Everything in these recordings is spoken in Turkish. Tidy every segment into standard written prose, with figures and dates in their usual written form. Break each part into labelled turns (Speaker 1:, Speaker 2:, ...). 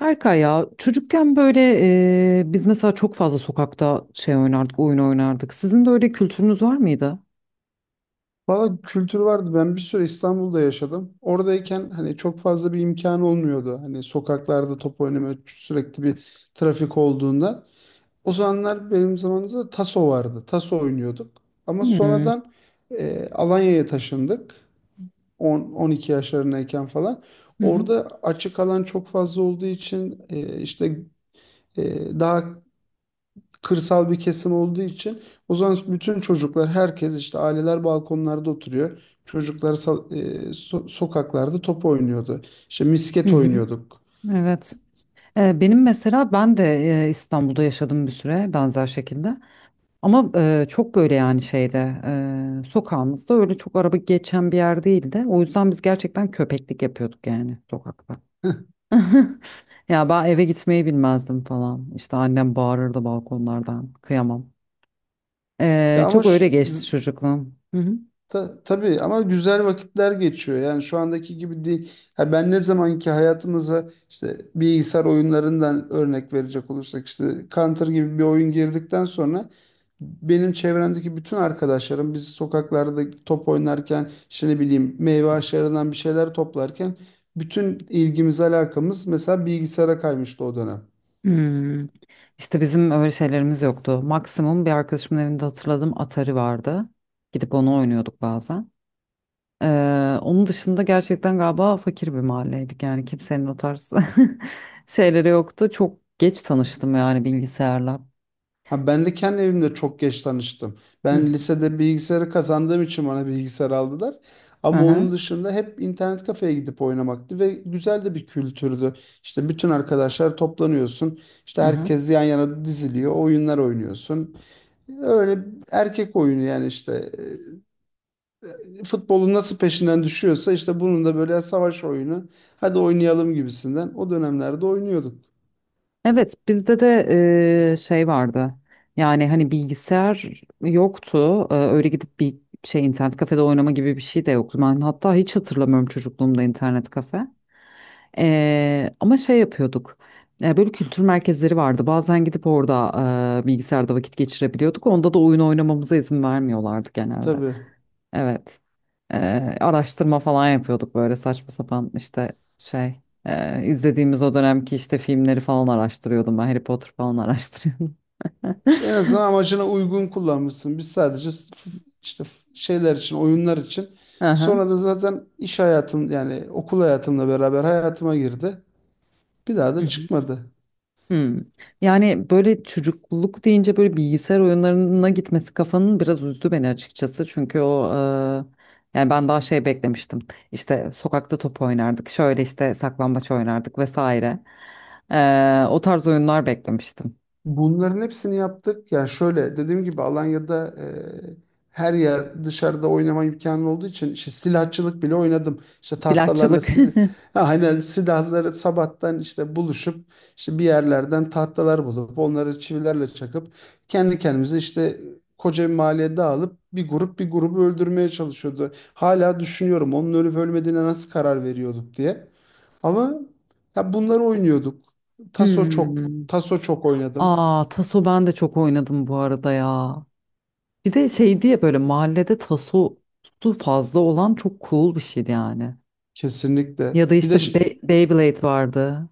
Speaker 1: Berkay ya çocukken böyle biz mesela çok fazla sokakta şey oynardık, oyun oynardık. Sizin de öyle kültürünüz var mıydı?
Speaker 2: Valla kültür vardı. Ben bir süre İstanbul'da yaşadım. Oradayken hani çok fazla bir imkan olmuyordu. Hani sokaklarda top oynama sürekli bir trafik olduğunda. O zamanlar benim zamanımızda taso vardı. Taso oynuyorduk. Ama
Speaker 1: Hmm. Hı
Speaker 2: sonradan Alanya'ya taşındık. 10-12 yaşlarındayken falan.
Speaker 1: hı.
Speaker 2: Orada açık alan çok fazla olduğu için işte daha kırsal bir kesim olduğu için o zaman bütün çocuklar herkes işte aileler balkonlarda oturuyor. Çocuklar sokaklarda top oynuyordu. İşte
Speaker 1: Hı
Speaker 2: misket
Speaker 1: hı.
Speaker 2: oynuyorduk.
Speaker 1: Evet. Benim mesela ben de İstanbul'da yaşadım bir süre benzer şekilde. Ama çok böyle yani şeyde sokağımızda öyle çok araba geçen bir yer değildi. O yüzden biz gerçekten köpeklik yapıyorduk yani sokakta. Ya ben eve gitmeyi bilmezdim falan. İşte annem bağırırdı balkonlardan. Kıyamam.
Speaker 2: Ya
Speaker 1: Ee,
Speaker 2: ama
Speaker 1: çok öyle geçti çocukluğum. Hı hı.
Speaker 2: Tabii ama güzel vakitler geçiyor. Yani şu andaki gibi değil. Ha, ben ne zamanki hayatımıza işte bilgisayar oyunlarından örnek verecek olursak işte Counter gibi bir oyun girdikten sonra benim çevremdeki bütün arkadaşlarım biz sokaklarda top oynarken işte ne bileyim meyve ağaçlarından bir şeyler toplarken bütün ilgimiz alakamız mesela bilgisayara kaymıştı o dönem.
Speaker 1: Hmm. İşte bizim öyle şeylerimiz yoktu. Maksimum bir arkadaşımın evinde hatırladığım Atari vardı. Gidip onu oynuyorduk bazen. Onun dışında gerçekten galiba fakir bir mahalleydik. Yani kimsenin o tarz şeyleri yoktu. Çok geç tanıştım yani bilgisayarla.
Speaker 2: Ha, ben de kendi evimde çok geç tanıştım.
Speaker 1: Hı hı.
Speaker 2: Ben lisede bilgisayarı kazandığım için bana bilgisayar aldılar.
Speaker 1: Hı
Speaker 2: Ama onun
Speaker 1: hı.
Speaker 2: dışında hep internet kafeye gidip oynamaktı ve güzel de bir kültürdü. İşte bütün arkadaşlar toplanıyorsun. İşte
Speaker 1: Hı hı.
Speaker 2: herkes yan yana diziliyor. Oyunlar oynuyorsun. Öyle erkek oyunu yani işte futbolun nasıl peşinden düşüyorsa işte bunun da böyle savaş oyunu. Hadi oynayalım gibisinden. O dönemlerde oynuyorduk.
Speaker 1: Evet, bizde de şey vardı. Yani hani bilgisayar yoktu. Öyle gidip bir şey internet kafede oynama gibi bir şey de yoktu. Ben hatta hiç hatırlamıyorum çocukluğumda internet kafe. Ama şey yapıyorduk. Böyle kültür merkezleri vardı. Bazen gidip orada bilgisayarda vakit geçirebiliyorduk. Onda da oyun oynamamıza izin vermiyorlardı genelde.
Speaker 2: Tabii.
Speaker 1: Evet. Araştırma falan yapıyorduk böyle saçma sapan işte şey izlediğimiz o dönemki işte filmleri falan araştırıyordum, ben Harry Potter falan araştırıyordum.
Speaker 2: İşte en azından amacına uygun kullanmışsın. Biz sadece f- şeyler için, oyunlar için.
Speaker 1: Aha.
Speaker 2: Sonra da zaten iş hayatım yani okul hayatımla beraber hayatıma girdi. Bir daha
Speaker 1: Hı
Speaker 2: da
Speaker 1: hı.
Speaker 2: çıkmadı.
Speaker 1: Hmm. Yani böyle çocukluk deyince böyle bilgisayar oyunlarına gitmesi kafanın biraz üzdü beni, açıkçası. Çünkü o yani ben daha şey beklemiştim. İşte sokakta top oynardık. Şöyle işte saklambaç oynardık vesaire. O tarz oyunlar beklemiştim.
Speaker 2: Bunların hepsini yaptık. Yani şöyle dediğim gibi Alanya'da her yer dışarıda oynama imkanı olduğu için işte silahçılık bile oynadım. İşte tahtalarla
Speaker 1: Silahçılık.
Speaker 2: ha, hani silahları sabahtan işte buluşup işte bir yerlerden tahtalar bulup onları çivilerle çakıp kendi kendimize işte koca bir mahalleye dağılıp bir grup bir grubu öldürmeye çalışıyordu. Hala düşünüyorum onun ölüp ölmediğine nasıl karar veriyorduk diye. Ama ya bunları oynuyorduk. Taso çok
Speaker 1: Hmm.
Speaker 2: Taso çok oynadım.
Speaker 1: Aa, taso ben de çok oynadım bu arada ya. Bir de şey diye böyle mahallede taso su fazla olan çok cool bir şeydi yani.
Speaker 2: Kesinlikle.
Speaker 1: Ya da
Speaker 2: Bir de
Speaker 1: işte Beyblade vardı.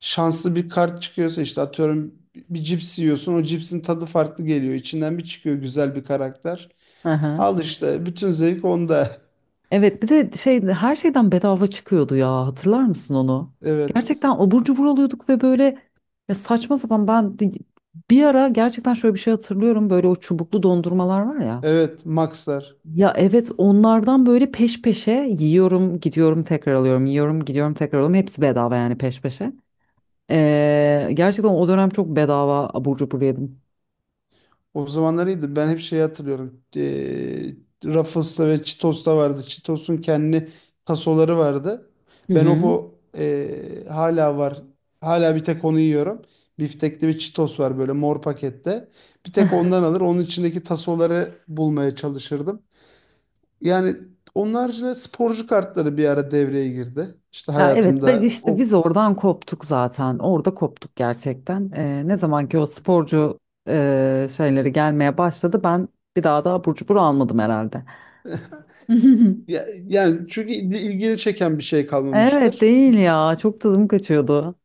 Speaker 2: şanslı bir kart çıkıyorsa işte atıyorum bir cips yiyorsun o cipsin tadı farklı geliyor. İçinden bir çıkıyor güzel bir karakter.
Speaker 1: Hı hı.
Speaker 2: Al işte bütün zevk onda.
Speaker 1: Evet, bir de şey her şeyden bedava çıkıyordu ya, hatırlar mısın onu?
Speaker 2: Evet.
Speaker 1: Gerçekten abur cubur alıyorduk ve böyle ya saçma sapan, ben bir ara gerçekten şöyle bir şey hatırlıyorum. Böyle o çubuklu dondurmalar var ya.
Speaker 2: Evet Maxlar.
Speaker 1: Ya evet, onlardan böyle peş peşe yiyorum gidiyorum tekrar alıyorum, yiyorum gidiyorum tekrar alıyorum, hepsi bedava yani peş peşe. Gerçekten o dönem çok bedava abur cubur yedim.
Speaker 2: O zamanlar iyiydi. Ben hep şey hatırlıyorum. Ruffles'ta ve Cheetos'ta vardı. Cheetos'un kendi tasoları vardı.
Speaker 1: Hı
Speaker 2: Ben o
Speaker 1: hı.
Speaker 2: po- hala var. Hala bir tek onu yiyorum. Biftekli bir Cheetos var böyle mor pakette. Bir tek ondan alır. Onun içindeki tasoları bulmaya çalışırdım. Yani onun haricinde sporcu kartları bir ara devreye girdi. İşte
Speaker 1: Ya evet, ben
Speaker 2: hayatımda
Speaker 1: işte biz oradan koptuk zaten, orada koptuk gerçekten. Ne zaman ki o sporcu şeyleri gelmeye başladı, ben bir daha da abur cubur almadım herhalde.
Speaker 2: yani çünkü ilgini çeken bir şey
Speaker 1: Evet,
Speaker 2: kalmamıştır.
Speaker 1: değil ya, çok tadım kaçıyordu.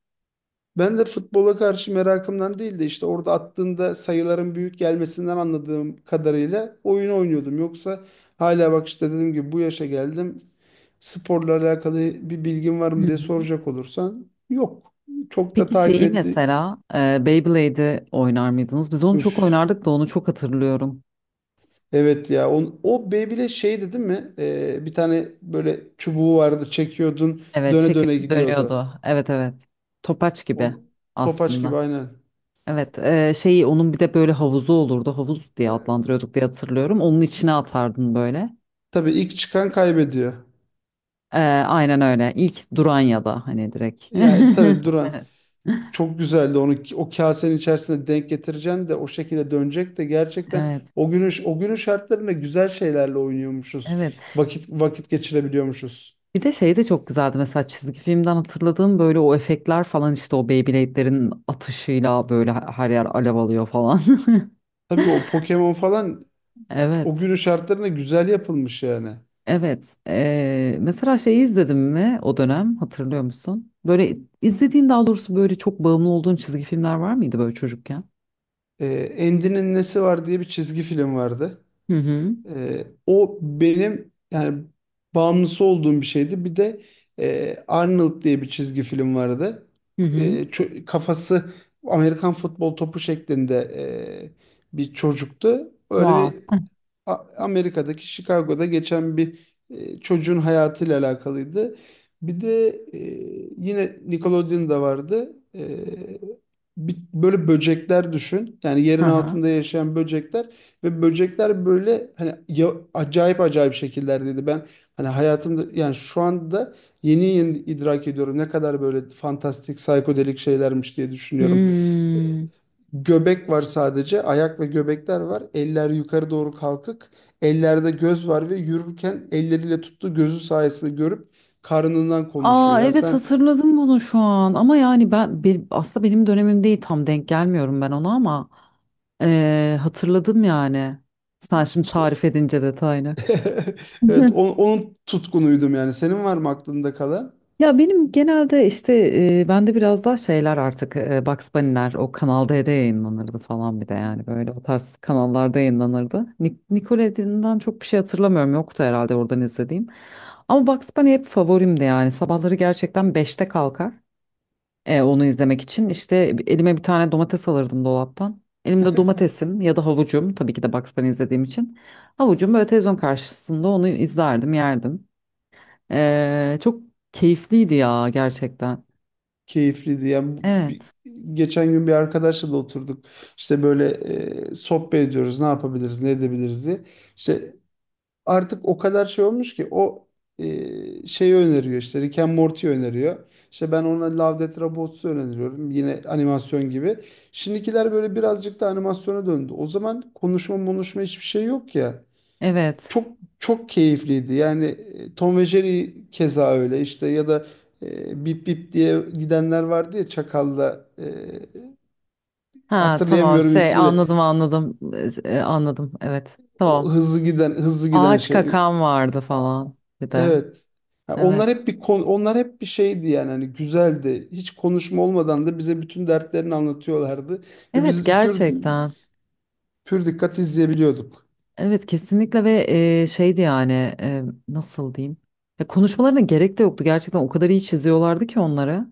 Speaker 2: Ben de futbola karşı merakımdan değil de işte orada attığında sayıların büyük gelmesinden anladığım kadarıyla oyun oynuyordum. Yoksa hala bak işte dediğim gibi bu yaşa geldim. Sporla alakalı bir bilgin var mı diye soracak olursan yok. Çok da
Speaker 1: Peki
Speaker 2: takip
Speaker 1: şeyi
Speaker 2: etti.
Speaker 1: mesela Beyblade'i oynar mıydınız? Biz onu çok
Speaker 2: Üf,
Speaker 1: oynardık da onu çok hatırlıyorum.
Speaker 2: evet ya o Beyblade şeydi değil mi? Bir tane böyle çubuğu vardı çekiyordun
Speaker 1: Evet,
Speaker 2: döne döne
Speaker 1: çekiyor
Speaker 2: gidiyordu.
Speaker 1: dönüyordu. Evet, evet. Topaç
Speaker 2: O,
Speaker 1: gibi
Speaker 2: topaç gibi
Speaker 1: aslında.
Speaker 2: aynen.
Speaker 1: Evet, şeyi onun bir de böyle havuzu olurdu. Havuz diye adlandırıyorduk diye hatırlıyorum. Onun içine atardın böyle.
Speaker 2: Tabii ilk çıkan kaybediyor.
Speaker 1: Aynen öyle. İlk duran ya da hani direkt.
Speaker 2: Yani tabii duran.
Speaker 1: Evet.
Speaker 2: Çok güzeldi onu o kasenin içerisine denk getireceksin de o şekilde dönecek de gerçekten
Speaker 1: Evet.
Speaker 2: o günün şartlarında güzel şeylerle oynuyormuşuz.
Speaker 1: Evet.
Speaker 2: Vakit vakit geçirebiliyormuşuz.
Speaker 1: Bir de şey de çok güzeldi, mesela çizgi filmden hatırladığım böyle o efektler falan, işte o Beyblade'lerin atışıyla böyle her yer alev alıyor falan.
Speaker 2: Tabii o Pokemon falan o
Speaker 1: Evet.
Speaker 2: günün şartlarında güzel yapılmış yani.
Speaker 1: Evet. Mesela şeyi izledim mi o dönem, hatırlıyor musun? Böyle izlediğin, daha doğrusu böyle çok bağımlı olduğun çizgi filmler var mıydı böyle çocukken?
Speaker 2: Andy'nin nesi var diye bir çizgi film vardı.
Speaker 1: Hı hı.
Speaker 2: O benim yani bağımlısı olduğum bir şeydi. Bir de Arnold diye bir çizgi film vardı.
Speaker 1: Hı
Speaker 2: E,
Speaker 1: hı.
Speaker 2: çö- kafası Amerikan futbol topu şeklinde bir çocuktu. Öyle
Speaker 1: Wow.
Speaker 2: bir Amerika'daki Chicago'da geçen bir çocuğun hayatıyla alakalıydı. Bir de e, yine Nickelodeon'da vardı. Böyle böcekler düşün. Yani
Speaker 1: Hı
Speaker 2: yerin
Speaker 1: hı.
Speaker 2: altında yaşayan böcekler ve böcekler böyle hani acayip acayip şekillerdeydi. Ben hani hayatımda yani şu anda yeni yeni idrak ediyorum ne kadar böyle fantastik psikodelik şeylermiş diye düşünüyorum. E,
Speaker 1: Hmm.
Speaker 2: Göbek var sadece. Ayak ve göbekler var. Eller yukarı doğru kalkık. Ellerde göz var ve yürürken elleriyle tuttuğu gözü sayesinde görüp karnından konuşuyor.
Speaker 1: Aa,
Speaker 2: Ya
Speaker 1: evet,
Speaker 2: sen
Speaker 1: hatırladım bunu şu an, ama yani ben bir, aslında benim dönemim değil, tam denk gelmiyorum ben ona, ama hatırladım yani. Sen şimdi
Speaker 2: işte
Speaker 1: tarif edince detayını.
Speaker 2: evet, onun tutkunuydum yani. Senin var mı aklında kalan?
Speaker 1: Ya benim genelde işte bende biraz daha şeyler artık, Bugs Bunny'ler o Kanal D'de yayınlanırdı falan, bir de yani böyle o tarz kanallarda yayınlanırdı. Nickelodeon'dan çok bir şey hatırlamıyorum, yoktu herhalde oradan izlediğim. Ama Bugs Bunny hep favorimdi yani, sabahları gerçekten beşte kalkar. Onu izlemek için. İşte elime bir tane domates alırdım dolaptan. Elimde domatesim ya da havucum. Tabii ki de, Bugs Bunny izlediğim için. Havucum böyle, televizyon karşısında onu izlerdim, yerdim. Çok keyifliydi ya gerçekten.
Speaker 2: Keyifliydi. Yani
Speaker 1: Evet,
Speaker 2: geçen gün bir arkadaşla da oturduk. İşte böyle sohbet ediyoruz. Ne yapabiliriz, ne edebiliriz diye. İşte artık o kadar şey olmuş ki o şeyi öneriyor işte Rick and Morty öneriyor. İşte ben ona Love, Death, Robots'u öneriyorum. Yine animasyon gibi. Şimdikiler böyle birazcık da animasyona döndü. O zaman konuşma konuşma hiçbir şey yok ya.
Speaker 1: evet.
Speaker 2: Çok çok keyifliydi. Yani Tom ve Jerry keza öyle işte ya da Bip Bip diye gidenler vardı ya Çakal'la
Speaker 1: Ha, tamam,
Speaker 2: hatırlayamıyorum
Speaker 1: şey
Speaker 2: ismini.
Speaker 1: anladım, anladım. Anladım evet
Speaker 2: O
Speaker 1: tamam.
Speaker 2: hızlı giden hızlı giden
Speaker 1: Ağaç
Speaker 2: şey.
Speaker 1: kakan vardı falan bir de.
Speaker 2: Evet. Ha,
Speaker 1: Evet.
Speaker 2: onlar hep bir şeydi yani hani güzeldi. Hiç konuşma olmadan da bize bütün dertlerini anlatıyorlardı ve
Speaker 1: Evet,
Speaker 2: biz pür
Speaker 1: gerçekten.
Speaker 2: pür dikkat izleyebiliyorduk.
Speaker 1: Evet, kesinlikle. Ve şeydi yani, nasıl diyeyim? Ya konuşmalarına gerek de yoktu gerçekten, o kadar iyi çiziyorlardı ki onları.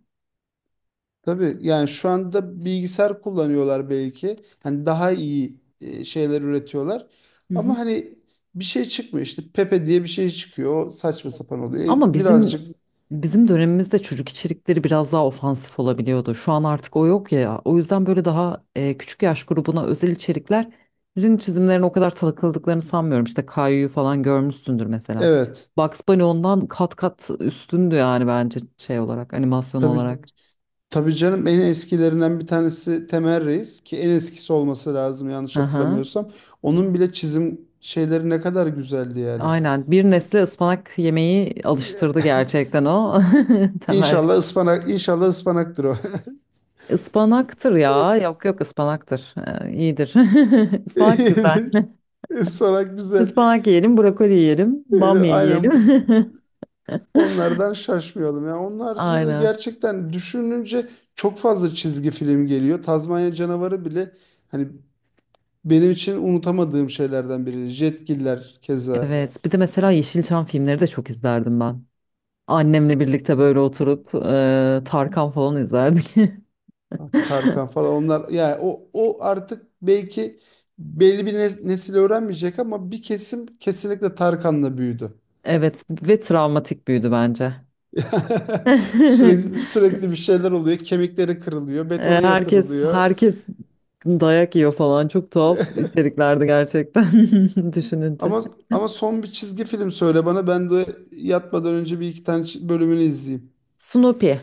Speaker 2: Tabii yani şu anda bilgisayar kullanıyorlar belki. Hani daha iyi şeyler üretiyorlar.
Speaker 1: Hı
Speaker 2: Ama
Speaker 1: hı.
Speaker 2: hani bir şey çıkmıyor işte Pepe diye bir şey çıkıyor. O saçma sapan oluyor.
Speaker 1: Ama bizim
Speaker 2: Birazcık
Speaker 1: bizim dönemimizde çocuk içerikleri biraz daha ofansif olabiliyordu. Şu an artık o yok ya. O yüzden böyle daha küçük yaş grubuna özel içeriklerin çizimlerine o kadar takıldıklarını sanmıyorum. İşte Kayu'yu falan görmüşsündür mesela.
Speaker 2: evet.
Speaker 1: Bugs Bunny ondan kat kat üstündü yani, bence şey olarak, animasyon
Speaker 2: Tabii,
Speaker 1: olarak.
Speaker 2: tabii canım en eskilerinden bir tanesi Temel Reis ki en eskisi olması lazım yanlış
Speaker 1: Hı hı.
Speaker 2: hatırlamıyorsam. Onun bile çizim şeyleri ne kadar güzeldi yani.
Speaker 1: Aynen, bir nesle ıspanak yemeği alıştırdı gerçekten o Temel.
Speaker 2: İnşallah ıspanak, inşallah ıspanaktır o.
Speaker 1: Ispanaktır ya. Yok, yok, ıspanaktır. İyidir. Ispanak güzel.
Speaker 2: Ispanak güzel.
Speaker 1: Ispanak yiyelim, brokoli yiyelim,
Speaker 2: Öyle
Speaker 1: bamya yiyelim.
Speaker 2: aynen onlardan şaşmayalım. Yani onun haricinde de
Speaker 1: Aynen.
Speaker 2: gerçekten düşününce çok fazla çizgi film geliyor. Tazmanya Canavarı bile hani benim için unutamadığım şeylerden biri. Jetgiller keza.
Speaker 1: Evet. Bir de mesela Yeşilçam filmleri de çok izlerdim ben. Annemle birlikte böyle oturup Tarkan falan izlerdik.
Speaker 2: Tarkan falan onlar yani o o artık belki belli bir nesil öğrenmeyecek ama bir kesim kesinlikle Tarkan'la büyüdü.
Speaker 1: Evet, ve travmatik büyüdü bence.
Speaker 2: Sürekli sürekli bir şeyler oluyor. Kemikleri kırılıyor, betona
Speaker 1: Herkes
Speaker 2: yatırılıyor.
Speaker 1: herkes dayak yiyor falan. Çok tuhaf içeriklerdi gerçekten, düşününce.
Speaker 2: Ama ama son bir çizgi film söyle bana. Ben de yatmadan önce bir iki tane bölümünü izleyeyim.
Speaker 1: Snoopy.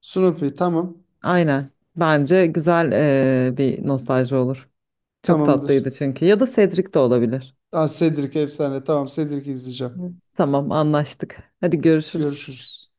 Speaker 2: Snoopy tamam.
Speaker 1: Aynen. Bence güzel bir nostalji olur. Çok tatlıydı
Speaker 2: Tamamdır.
Speaker 1: çünkü. Ya da Cedric de olabilir.
Speaker 2: Aa, Cedric efsane. Tamam Cedric'i izleyeceğim.
Speaker 1: Hı. Tamam, anlaştık. Hadi görüşürüz.
Speaker 2: Görüşürüz.